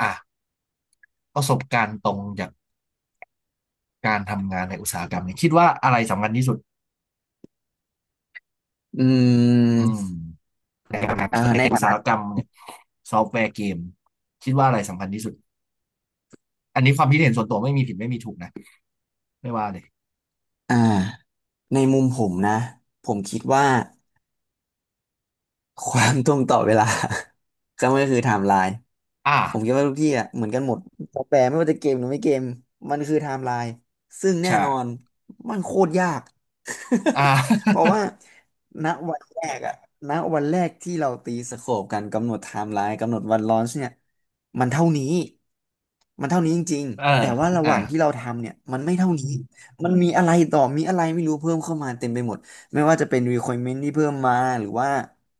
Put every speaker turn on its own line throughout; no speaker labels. อ่ะประสบการณ์ตรงจากการทำงานในอุตสาหกรรมเนี่ยคิดว่าอะไรสำคัญที่สุด
อื
อืม
ม
ในการทำงานใน
ใน
อุ
ฐา
ตสา
นะ
หกรรมเนี่ยซอฟต์แวร์เกมคิดว่าอะไรสำคัญที่สุดอันนี้ความคิดเห็นส่วนตัวไม่มีผิดไม่มีถูกนะไม่ว่าเลย
อ่าในมุมผมนะ ผมคิดว่า ความตรงต่อเวลา ก็ไม่ก็คือไทม์ไลน์
อ่า
ผมคิดว่าทุกที่อ่ะเหมือนกันหมดซอฟต์แวร์ไม่ว่าจะเกมหรือไม่เกมมันคือไทม์ไลน์ซึ่งแน่
ใช่
นอนมันโคตรยาก
อ่
เพราะ
า
ว่าณวันแรกณวันแรกที่เราตีสโคปกันกำหนดไทม์ไลน์กำหนดวันลอนช์เนี่ยมันเท่านี้มันเท่านี้จริง
เออ
ๆแต่ว่าระ
อ่า
หว่างที่เราทำเนี่ยมันไม่เท่านี้มันมีอะไรต่อมีอะไรไม่รู้เพิ่มเข้ามาเต็มไปหมดไม่ว่าจะเป็น requirement ที่เพิ่มมาหรือว่า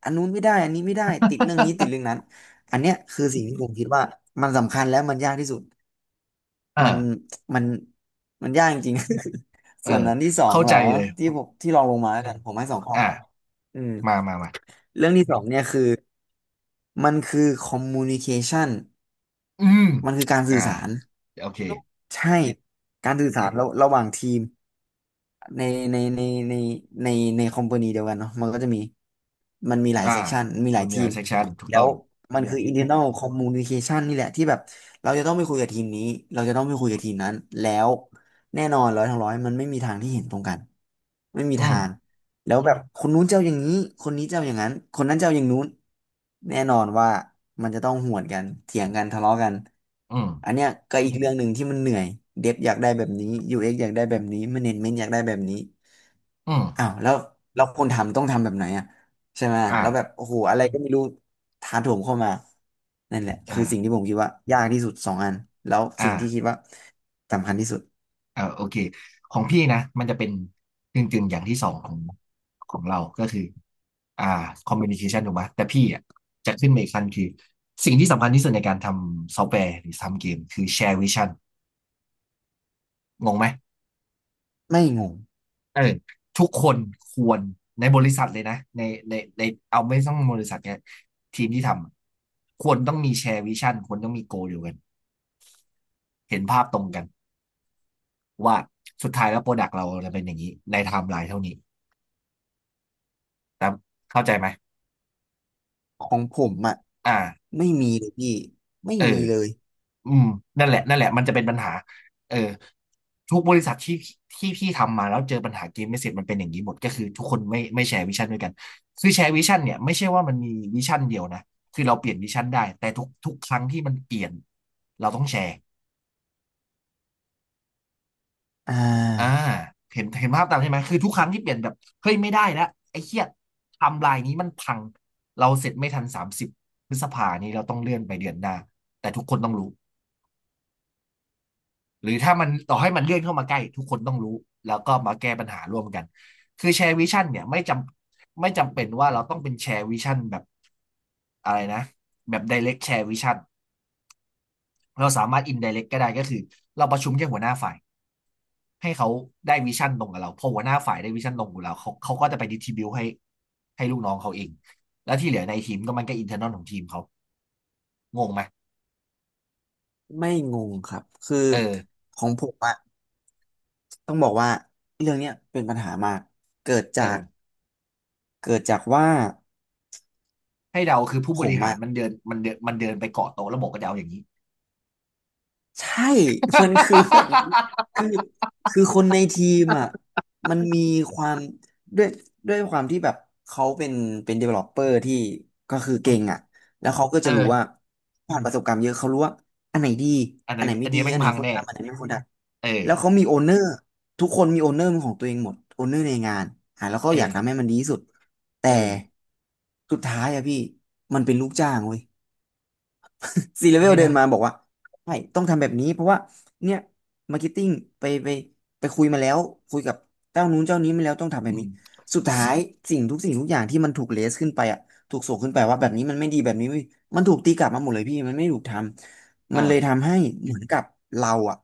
อันนู้นไม่ได้อันนี้ไม่ได้ติดเรื่องนี้ติดเรื่องนั้นอันเนี้ยคือสิ่งที่ผมคิดว่ามันสำคัญและมันยากที่สุด
เออ
มันมันมันยากจริงๆ
เอ อ
ส่วนนั้นที่สอง
เข้า
เหร
ใจ
อ
เลย
ที่ผมที่ลองลงมาแล้วกันผมให้สองข้อ
อ่ะ
อืม
มามามา
เรื่องที่สองเนี่ยคือมันคือ communication
อืม
มันคือการ
อ่า
สื่อสาร
โอเค
ใช่การสื่อสารระหว่างทีมในในในในในในคอมพานีเดียวกันเนาะมันก็จะมีมันมีหลาย
อ่า
เซกชันมีหลา
มั
ย
นมี
ที
หลาย
ม
เซกชันถูก
แล้
ต้อ
ว
ง
มันคือ internal communication นี่แหละที่แบบเราจะต้องไปคุยกับทีมนี้เราจะต้องไปคุยกับทีมนั้นแล้วแน่นอนร้อยทั้งร้อยมันไม่มีทางที่เห็นตรงกันไม่มี
อืม
ทาง แล้วแบบคนนู้นเจ้าอย่างนี้คนนี้เจ้าอย่างนั้นคนนั้นเจ้าอย่างนู้นแน่นอนว่ามันจะต้องหวนกันเถียงกันทะเลาะกัน
อืม
อันเนี้ยก็อีกเรื่องหนึ่งที่มันเหนื่อยเดฟอยากได้แบบนี้ UX อกซ์อยากได้แบบนี้ Management อยากได้แบบนี้
อื
อ้าว
ม
แล้วคนทำต้องทำแบบไหนอ่ะใช่ไหม
อ่า
แล้วแบบโอ้โหอะไรก็ไม่รู้ถาโถมเข้ามานั่นแหละคือสิ่ง
อ่า
ที่ผมคิดว่ายากที่สุดสองอันแล้วสิ่ง
อ่า
ที่คิดว่าสำคัญที่สุด
เอ่าโอเคของพี่นะมันจะเป็นกึ่งกึ่งอย่างที่สองของของเราก็คืออ่าคอมมิวนิเคชันถูกไหมแต่พี่อ่ะจะขึ้นมาอีกขั้นคือสิ่งที่สำคัญที่สุดในการทำซอฟต์แวร์หรือทำเกมคือแชร์วิชั่นงงไหม
ไม่งง
เออทุกคนควรในบริษัทเลยนะในเอาไม่ต้องบริษัทเนี่ยทีมที่ทำอะควรต้องมีแชร์วิชั่นควรต้องมีโกเดียวกันเห็นภาพตรงกันว่าสุดท้ายแล้วโปรดักต์เราจะเป็นอย่างนี้ในไทม์ไลน์เท่านี้แต่เข้าใจไหม
ของผมอ่ะ
อ่า
ไม่มีเลยพี่ไม่
เออ
มีเลย
อืมนั่นแหละนั่นแหละมันจะเป็นปัญหาเออทุกบริษัทที่ที่พี่ทำมาแล้วเจอปัญหาเกมไม่เสร็จมันเป็นอย่างนี้หมด ก็คือทุกคนไม่แชร์วิชั่นด้วยกันคือแชร์วิชั่นเนี่ยไม่ใช่ว่ามันมีวิชั่นเดียวนะ คือเราเปลี่ยนวิชั่นได้ แต่ทุกครั้งที่มันเปลี่ยนเราต้องแชร์
อ่
อ่า
า
เห็นภาพตามใช่ไหมคือทุกครั้งที่เปลี่ยนแบบ เฮ้ยไม่ได้แล้วไอ้เหี้ยไทำลายนี้มันพัง เราเสร็จไม่ทัน30พฤษภานี้เราต้องเลื่อนไปเดือนหน้าแต่ทุกคนต้องรู้ หรือถ้ามันต่อให้มันเลื่อนเข้ามาใกล้ทุกคนต้องรู้แล้วก็มาแก้ปัญหาร่วมกันคือแชร์วิชั่นเนี่ยไม่จำเป็นว่าเราต้องเป็นแชร์วิชั่นแบบอะไรนะแบบไดเรกแชร์วิชั่นเราสามารถอินไดเรกก็ได้ก็คือเราประชุมแค่หัวหน้าฝ่ายให้เขาได้วิชั่นตรงกับเราพอหัวหน้าฝ่ายได้วิชั่นตรงกับเราเขาก็จะไปดิสทริบิวต์ให้ลูกน้องเขาเองแล้วที่เหลือในทีมก็มันก็อินเทอร์นอลของทีมเขางงไหม
ไม่งงครับคือ
เออ
ของผมอะต้องบอกว่าเรื่องเนี้ยเป็นปัญหามากเกิด
เอ
จาก
อ
เกิดจากว่า
ให้เราคือผู้
ผ
บ
ม
ริหาร
อะ
มันเดินไปเกาะโต๊ะแล้วบอกก็จะเอาอย่างนี้
ใช่ มันคือแบบนี้ คือคือคนในทีมอ่ะมันมีความด้วยด้วยความที่แบบเขาเป็น developer ที่ก็คือเก่งอ่ะแล้วเขาก็
เอ
จะรู้ว่า
อ
ผ่านประสบการณ์เยอะเขารู้ว่าอันไหนดี
อันไหน
อันไหนไม่
อัน
ดี
นี้แม่
อั
ง
นไหน
พัง
ควร
แน่
ทำอันไหนไม่ควรท
เออ
ำแล้วเขามีโอเนอร์ทุกคนมีโอเนอร์ของตัวเองหมดโอเนอร์ในงานอ่ะแล้วก็
เอ
อยาก
อ
ทำให้มันดีที่สุด แต่
เออ
สุดท้ายอะพี่มันเป็นลูกจ้างเว้ย ซีเลเวล
ไม่
เดิ
ได้
นมาบอกว่าใช่ต้องทำแบบนี้เพราะว่าเนี่ยมาร์เก็ตติ้งไปไปไปคุยมาแล้วคุยกับเจ้านู้นเจ้านี้มาแล้วต้องทำแบ
อื
บ
ม
นี้สุดท้า
ส
ยสิ่งทุกสิ่งทุกอย่างที่มันถูกเลสขึ้นไปอ่ะถูกส่งขึ้นไปว่าแบบนี้มันไม่ดีแบบนี้ไม่มันถูกตีกลับมาหมดเลยพี่มันไม่ถูกทำมันเลย
อ่า
ทำให้เหมือนกับเราอ่ะ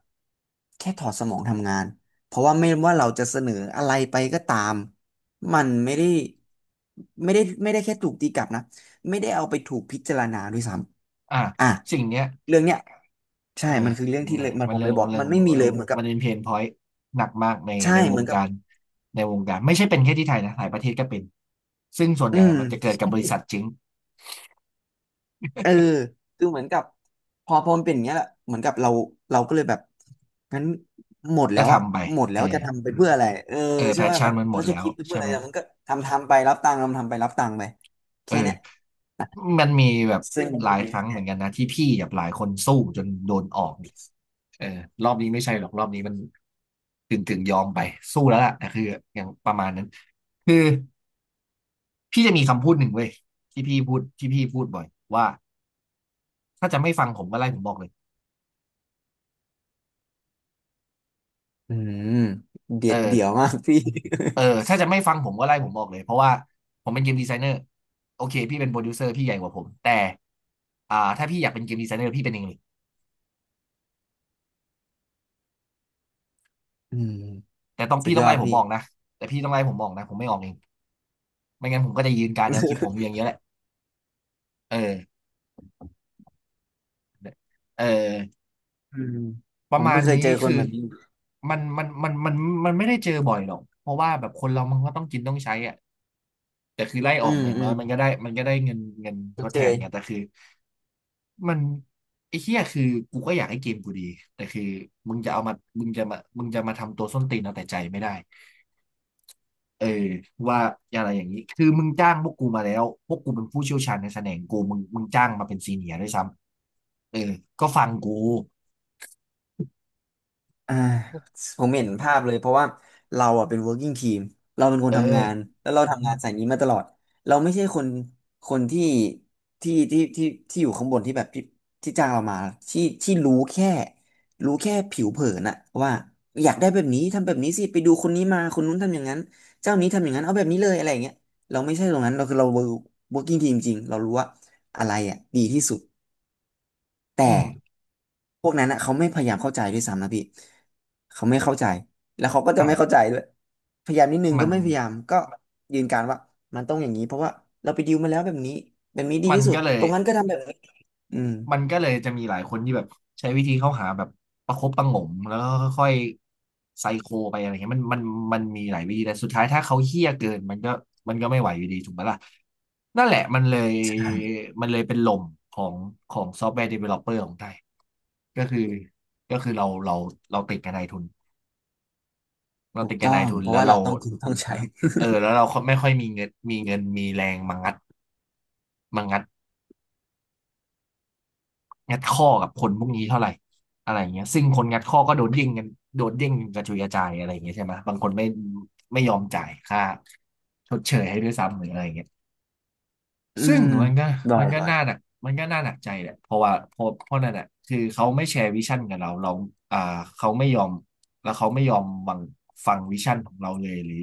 แค่ถอดสมองทำงานเพราะว่าไม่ว่าเราจะเสนออะไรไปก็ตามมันไม่ได้ไม่ได้แค่ถูกตีกลับนะ ไม่ได้เอาไปถูกพิจารณาด้วยซ้
อ่า
ำอ่ะ
สิ่งเนี้ย
เรื่องเนี้ยใช่
เออ
มันคือเรื่องที่เล
นะ
ยมัน
มั
ผ
น
ม
เรื่อ
เล
ง
ยบอก
เรื่อ
มั
ง
นไม่มีเลยเหมือนกับ
มันเป็นเพนพอยต์หนักมากใน
ใช่
ในว
เหมือ
ง
นกั
กา
บ
รในวงการไม่ใช่เป็นแค่ที่ไทยนะ หลายประเทศก็เป็น ซึ่งส่วน
อื
ใหญ่
ม
มันจะเกิดกับบริษัทจริง
เออคือเหมือนกับพอมันเป็นอย่างเงี้ยแหละเหมือนกับเราเราก็เลยแบบงั้นหมดแล้
ก็
วอะ
ทำไป
หมด
เอ
แล้ว
อ
จะทำไปเพื่ออะไรเออ
เออแพ
ใช่
ช
ว่า
ชั่
แบ
น
บ
มันหมด
เราจะ
แล้ว
คิดไปเพื่อ
ใช่
อะไร
ไหม
มันก็ทำไปรับตังค์ทำไปรับตังค์ไป
เอ
แค่เนี้ย
อมันมีแบบ
ซึ่ง
หลายครั้งเหมือนกันนะที่พี่กับหลายคนสู้จนโดนออก เออรอบนี้ไม่ใช่หรอกรอบนี้มันถึงยอมไปสู้แล้วล่ะนะคืออย่างประมาณนั้นคือพี่จะมีคำพูดหนึ่งเว้ยที่พี่พูดบ่อยว่าถ้าจะไม่ฟังผมก็ไล่ผมบอกเลย
อืมเด็
เอ
ดเดี่ยว
อ
มากพี่
เออถ้าจะไม่ฟังผมก็ไล่ผมบอกเลยเพราะว่าผมเป็นเกมดีไซเนอร์โอเคพี่เป็นโปรดิวเซอร์พี่ใหญ่กว่าผมแต่อ่าถ้าพี่อยากเป็นเกมดีไซเนอร์พี่เป็นเองเลย
อืม
แต่ต้อง
สุ
พี่
ด
ต้
ย
อง
อ
ไล่
ด
ผม
พี่
บอกนะแต่พี่ต้องไล่ผมบอกนะผมไม่ออกเองไม่งั้นผมก็จะยืนการแนวคิดผมอยู่อย่างเงี้ยแหละเออเออ
อืม
ป
ผ
ระ
ม
มา
เพิ่
ณ
งเคย
นี้
เจอค
คื
น
อ
แบบนี้
มันมันไม่ได้เจอบ่อยหรอกเพราะว่าแบบคนเรามันก็ต้องกินต้องใช้อ่ะแต่คือไล่
อื
ออก
ม
มาอย่าง
อื
น้อ
ม
ยมันก็ได้มันก็ได้เงินทด
เจ
แท
อ
นไงแต่คือมันไอ้เหี้ยคือกูก็อยากให้เกมกูดีแต่คือมึงจะเอามามึงจะมาทำตัวส้นตีนเอาแต่ใจไม่ได้เออว่าอะไรอย่างนี้คือมึงจ้างพวกกูมาแล้วพวกกูเป็นผู้เชี่ยวชาญในแสดงกูมึงจ้างมาเป็นซีเนียร์ด้วยซ้ำเออก็ฟังกู
อ่าผมเห็นภาพเลยเพราะว่าเราอ่ะเป็น working team เราเป็นคน
เออ
ทำงานแล้วเราทำงานสายนี้มาตลอดเราไม่ใช่คนคนที่ที่ที่อยู่ข้างบนที่แบบที่จ้างเรามาที่รู้แค่รู้แค่ผิวเผินอะว่าอยากได้แบบนี้ทำแบบนี้สิไปดูคนนี้มาคนนู้นทำอย่างนั้นเจ้านี้ทำอย่างนั้นเอาแบบนี้เลยอะไรอย่างเงี้ยเราไม่ใช่ตรงนั้นเราคือเรา working team จริงเรารู้ว่าอะไรอ่ะดีที่สุด
อื
แต่
ม
พวกนั้นอ่ะเขาไม่พยายามเข้าใจด้วยซ้ำนะพี่เขาไม่เข้าใจแล้วเขาก็จะไม่
อ่ะ
เข้าใจด้วยพยายามนิดนึง
มั
ก็
น
ไม่พยายามก็ยืนการว่ามันต้องอย่างนี้เพราะว่าเราไปดิมาแล้วแบบนี้แบบนี้ดี
มัน
ที่สุด
ก็เลย
ตรงนั้นก็ทำแบบนี้อืม
มันก็เลยจะมีหลายคนที่แบบใช้วิธีเข้าหาแบบประคบประหงมแล้วก็ค่อยๆไซโคไปอะไรเงี้ยมันมันมีหลายวิธีแต่สุดท้ายถ้าเขาเหี้ยเกินมันก็ไม่ไหวอยู่ดีถูกไหมล่ะนั่นแหละมันเลย
ใช่
มันเลยเป็นลมของของซอฟต์แวร์เดเวลลอปเปอร์ของไทยก็คือก็คือเราติดกับนายทุนเรา
ถู
ติ
ก
ดกับ
ต้
นา
อ
ย
ง
ทุน
เพราะ
แล้ว
ว่า
เรา
เราต้องกินต้องใช้
เออแล้วเราไม่ค่อยมีเงินมีแรงมางัด งัดข้อกับคนพวกนี้เท่าไหร่อะไรเงี้ยซึ่งคนงัดข้อก็โดนเด้งกันกระจุยกระจายอะไรเงี้ยใช่ไหมบางคนไม่ยอมจ่ายค่าชดเชยให้ด้วยซ้ำหรืออะไรเงี้ย
อื
ซึ่ง
ม
มันก็
บ่อ
มัน
ย
ก็
บ่อย
น่าหนักใจแหละเพราะว่าเพราะนั่นแหละคือเขาไม่แชร์วิชั่นกับเราอ่าเขาไม่ยอมแล้วเขาไม่ยอมฟังวิชั่นของเราเลยหรือ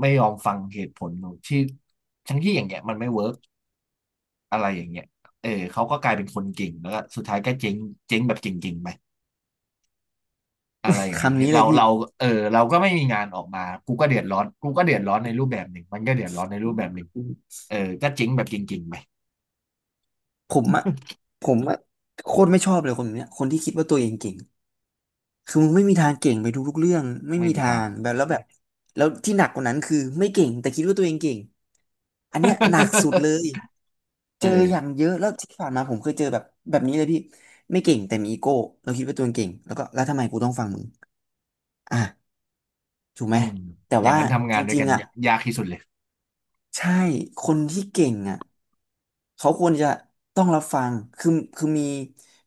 ไม่ยอมฟังเหตุผลของที่ทั้งที่อย่างเงี้ยมันไม่เวิร์ก อะไรอย่างเงี้ยเออเขาก็กลายเป็นคนเก่ง แล้วก็สุดท้ายก็เจ๊งเจ๊งแบบเก่งๆไปอะไรอย่างเงี้ย
คำนี้เล
เรา
ยพี่
เราเออเราก็ไม่มีงานออกมา กูก็เดือดร้อนกูก็เดือดร้อนในรูปแบบหนึ่งมันก็เดือดร้อนในรูปแบบหนึ่งเออก็เจ๊งแบบเก่งๆไป
ผมอะผมอะโคตรไม่ชอบเลยคนแบบเนี้ยคนที่คิดว่าตัวเองเก่ง คือมึงไม่มีทางเก่งไปทุกๆเรื่องไม่
ไม่
มี
มี
ทา
ทาง
งแบบแล้วที่หนักกว่านั้นคือไม่เก่งแต่คิดว่าตัวเองเก่งอันเนี้ยหนักสุดเลย
เอ
เจออย่าง
อ
เยอะแล้วที่ผ่านมาผมเคยเจอแบบแบบนี้เลยพี่ไม่เก่งแต่มีอีโก้เราคิดว่าตัวเองเก่งแล้วก็แล้วทำไมกูต้องฟังมึงอ่ะถูกไหม
อืม
แต่
อย่าง
ว่า
นั้นทำ
จ
งานด้วย
ริง
กัน
ๆอ่ะ
ยากที่สุดเลย
ใช่คนที่เก่งอ่ะ เขาควรจะต้องรับฟังคือคือมี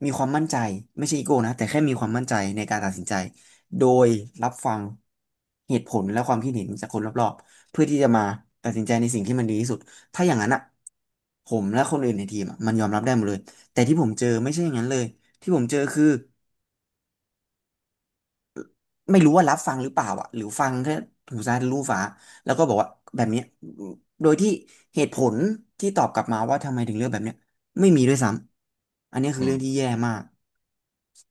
มีความมั่นใจไม่ใช่อีโก้นะ แต่แค่มีความมั่นใจในการตัดสินใจ โดยรับฟังเหตุผลและความคิดเห็นจากคนรอบๆเพื่อที่จะมาตัดสินใจในสิ่งที่มันดีที่สุดถ้าอย่างนั้นอ่ะผมและคนอื่นในทีมอะมันยอมรับได้หมดเลยแต่ที่ผมเจอไม่ใช่อย่างนั้นเลยที่ผมเจอคือ ไม่รู้ว่ารับฟังหรือเปล่าอ่ะหรือฟังแค่หูซ้ายทะลุฟ้าแล้วก็บอกว่าแบบเนี้ยโดยที่เหตุผลที่ตอบกลับมาว่าทำไมถึงเลือกแบบเนี้ยไม่มีด้วยซ้ำอันนี้คื
อื
อ
ม
เรื่องที่แย่มาก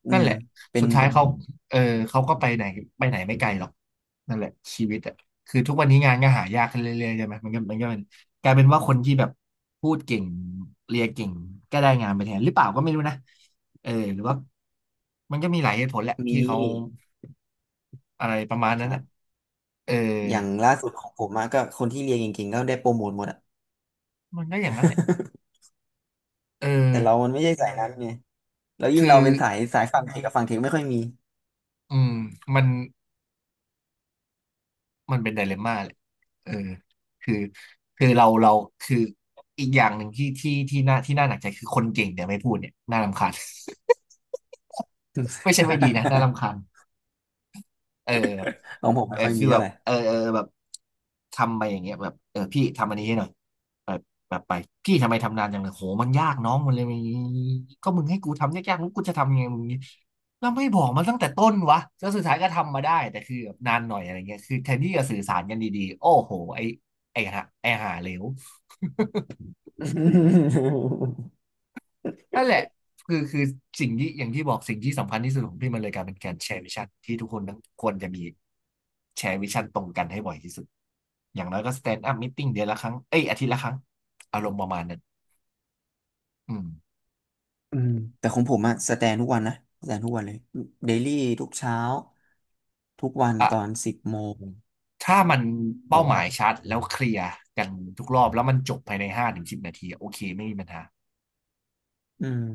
อื
นั่น
ม
แหละ
เป็
สุ
น
ดท้าย
เป็น
เขาเออเขาก็ไปไหนไปไหนไม่ไกลหรอกนั่นแหละชีวิตอ่ะคือทุกวันนี้งานก็หายากขึ้นเรื่อยๆใช่ไหมมันก็เป็นกลายเป็นว่าคนที่แบบพูดเก่งเรียนเก่งก็ได้งานไปแทนหรือเปล่าก็ไม่รู้นะเออหรือว่ามันก็มีหลายเหตุผลแหละ
มี
ที่เขาอะไรประมาณ
ค
นั้น
รั
อ่ะ
บ
เออ
อย่างล่าสุดของผมอะก็คนที่เรียนเก่งๆก็ได้โปรโมทหมดอ่ะ
มันก็อย่างนั้นแหละเออ
แต่เรามันไม่ใช่สายนั้นไงแล้วยิ่ง
คื
เรา
อ
เป็นสายสายฝั่งเทคกับฝั่งเทคไม่ค่อยมี
อืมมัน มันเป็นไดเลมม่าเลยเออคือคือเราคืออีกอย่างหนึ่งที่น่าหนักใจคือคนเก่งเนี่ยไม่พูดเนี่ยน่ารำคาญ ไม่ใช่ไม่ดีนะน่ารำคา ญเออ
ของผม
เอ
ไม่
อ
ค่อย
คือ
มี
แบ
อะ
บ
ไร
เออแบบทำไปอย่างเงี้ยแบบเออพี่ทำอันนี้ให้หน่อยแบบแบบไปพี่ทำไมทำนานจังเลยโหมันยากน้องมันเลยมีก็มึงให้กูทำยากๆมึงกูจะทำยังไงมึงแล้วไม่บอกมันตั้งแต่ต้นวะแล้วสุดท้ายก็ทำมาได้แต่คือแบบนานหน่อยอะไรเงี้ยคือแทนที่จะสื่อสารกันดีๆโอ้โหไอหาเหลว นั่นแหละคือสิ่งที่อย่างที่บอกสิ่งที่สำคัญที่สุดของพี่มันเลยกลายเป็นการแชร์วิชั่นที่ทุกคนต้องควรจะมีแชร์วิชั่นตรงกันให้บ่อยที่สุดอย่างน้อยก็สแตนด์อัพม t ติ้งเดือนละครั้งเอ้ยอาทิตย์ละครั้งอารมณ์ประมาณนั้นอืม
อืมแต่ของผมอะสแตนทุกวันนะสแตนทุกวันเลยเดลี่ทุกเช้าทุกวันตอน
อ่ะ
10 โมง
ถ้ามัน
แต่
เป้าห
ว่า
มายชัดแล้วเคลียร์กันทุกรอบแล้วมันจบภายใน5 ถึง 10 นาทีโอเคไม่มีปัญหา
อืม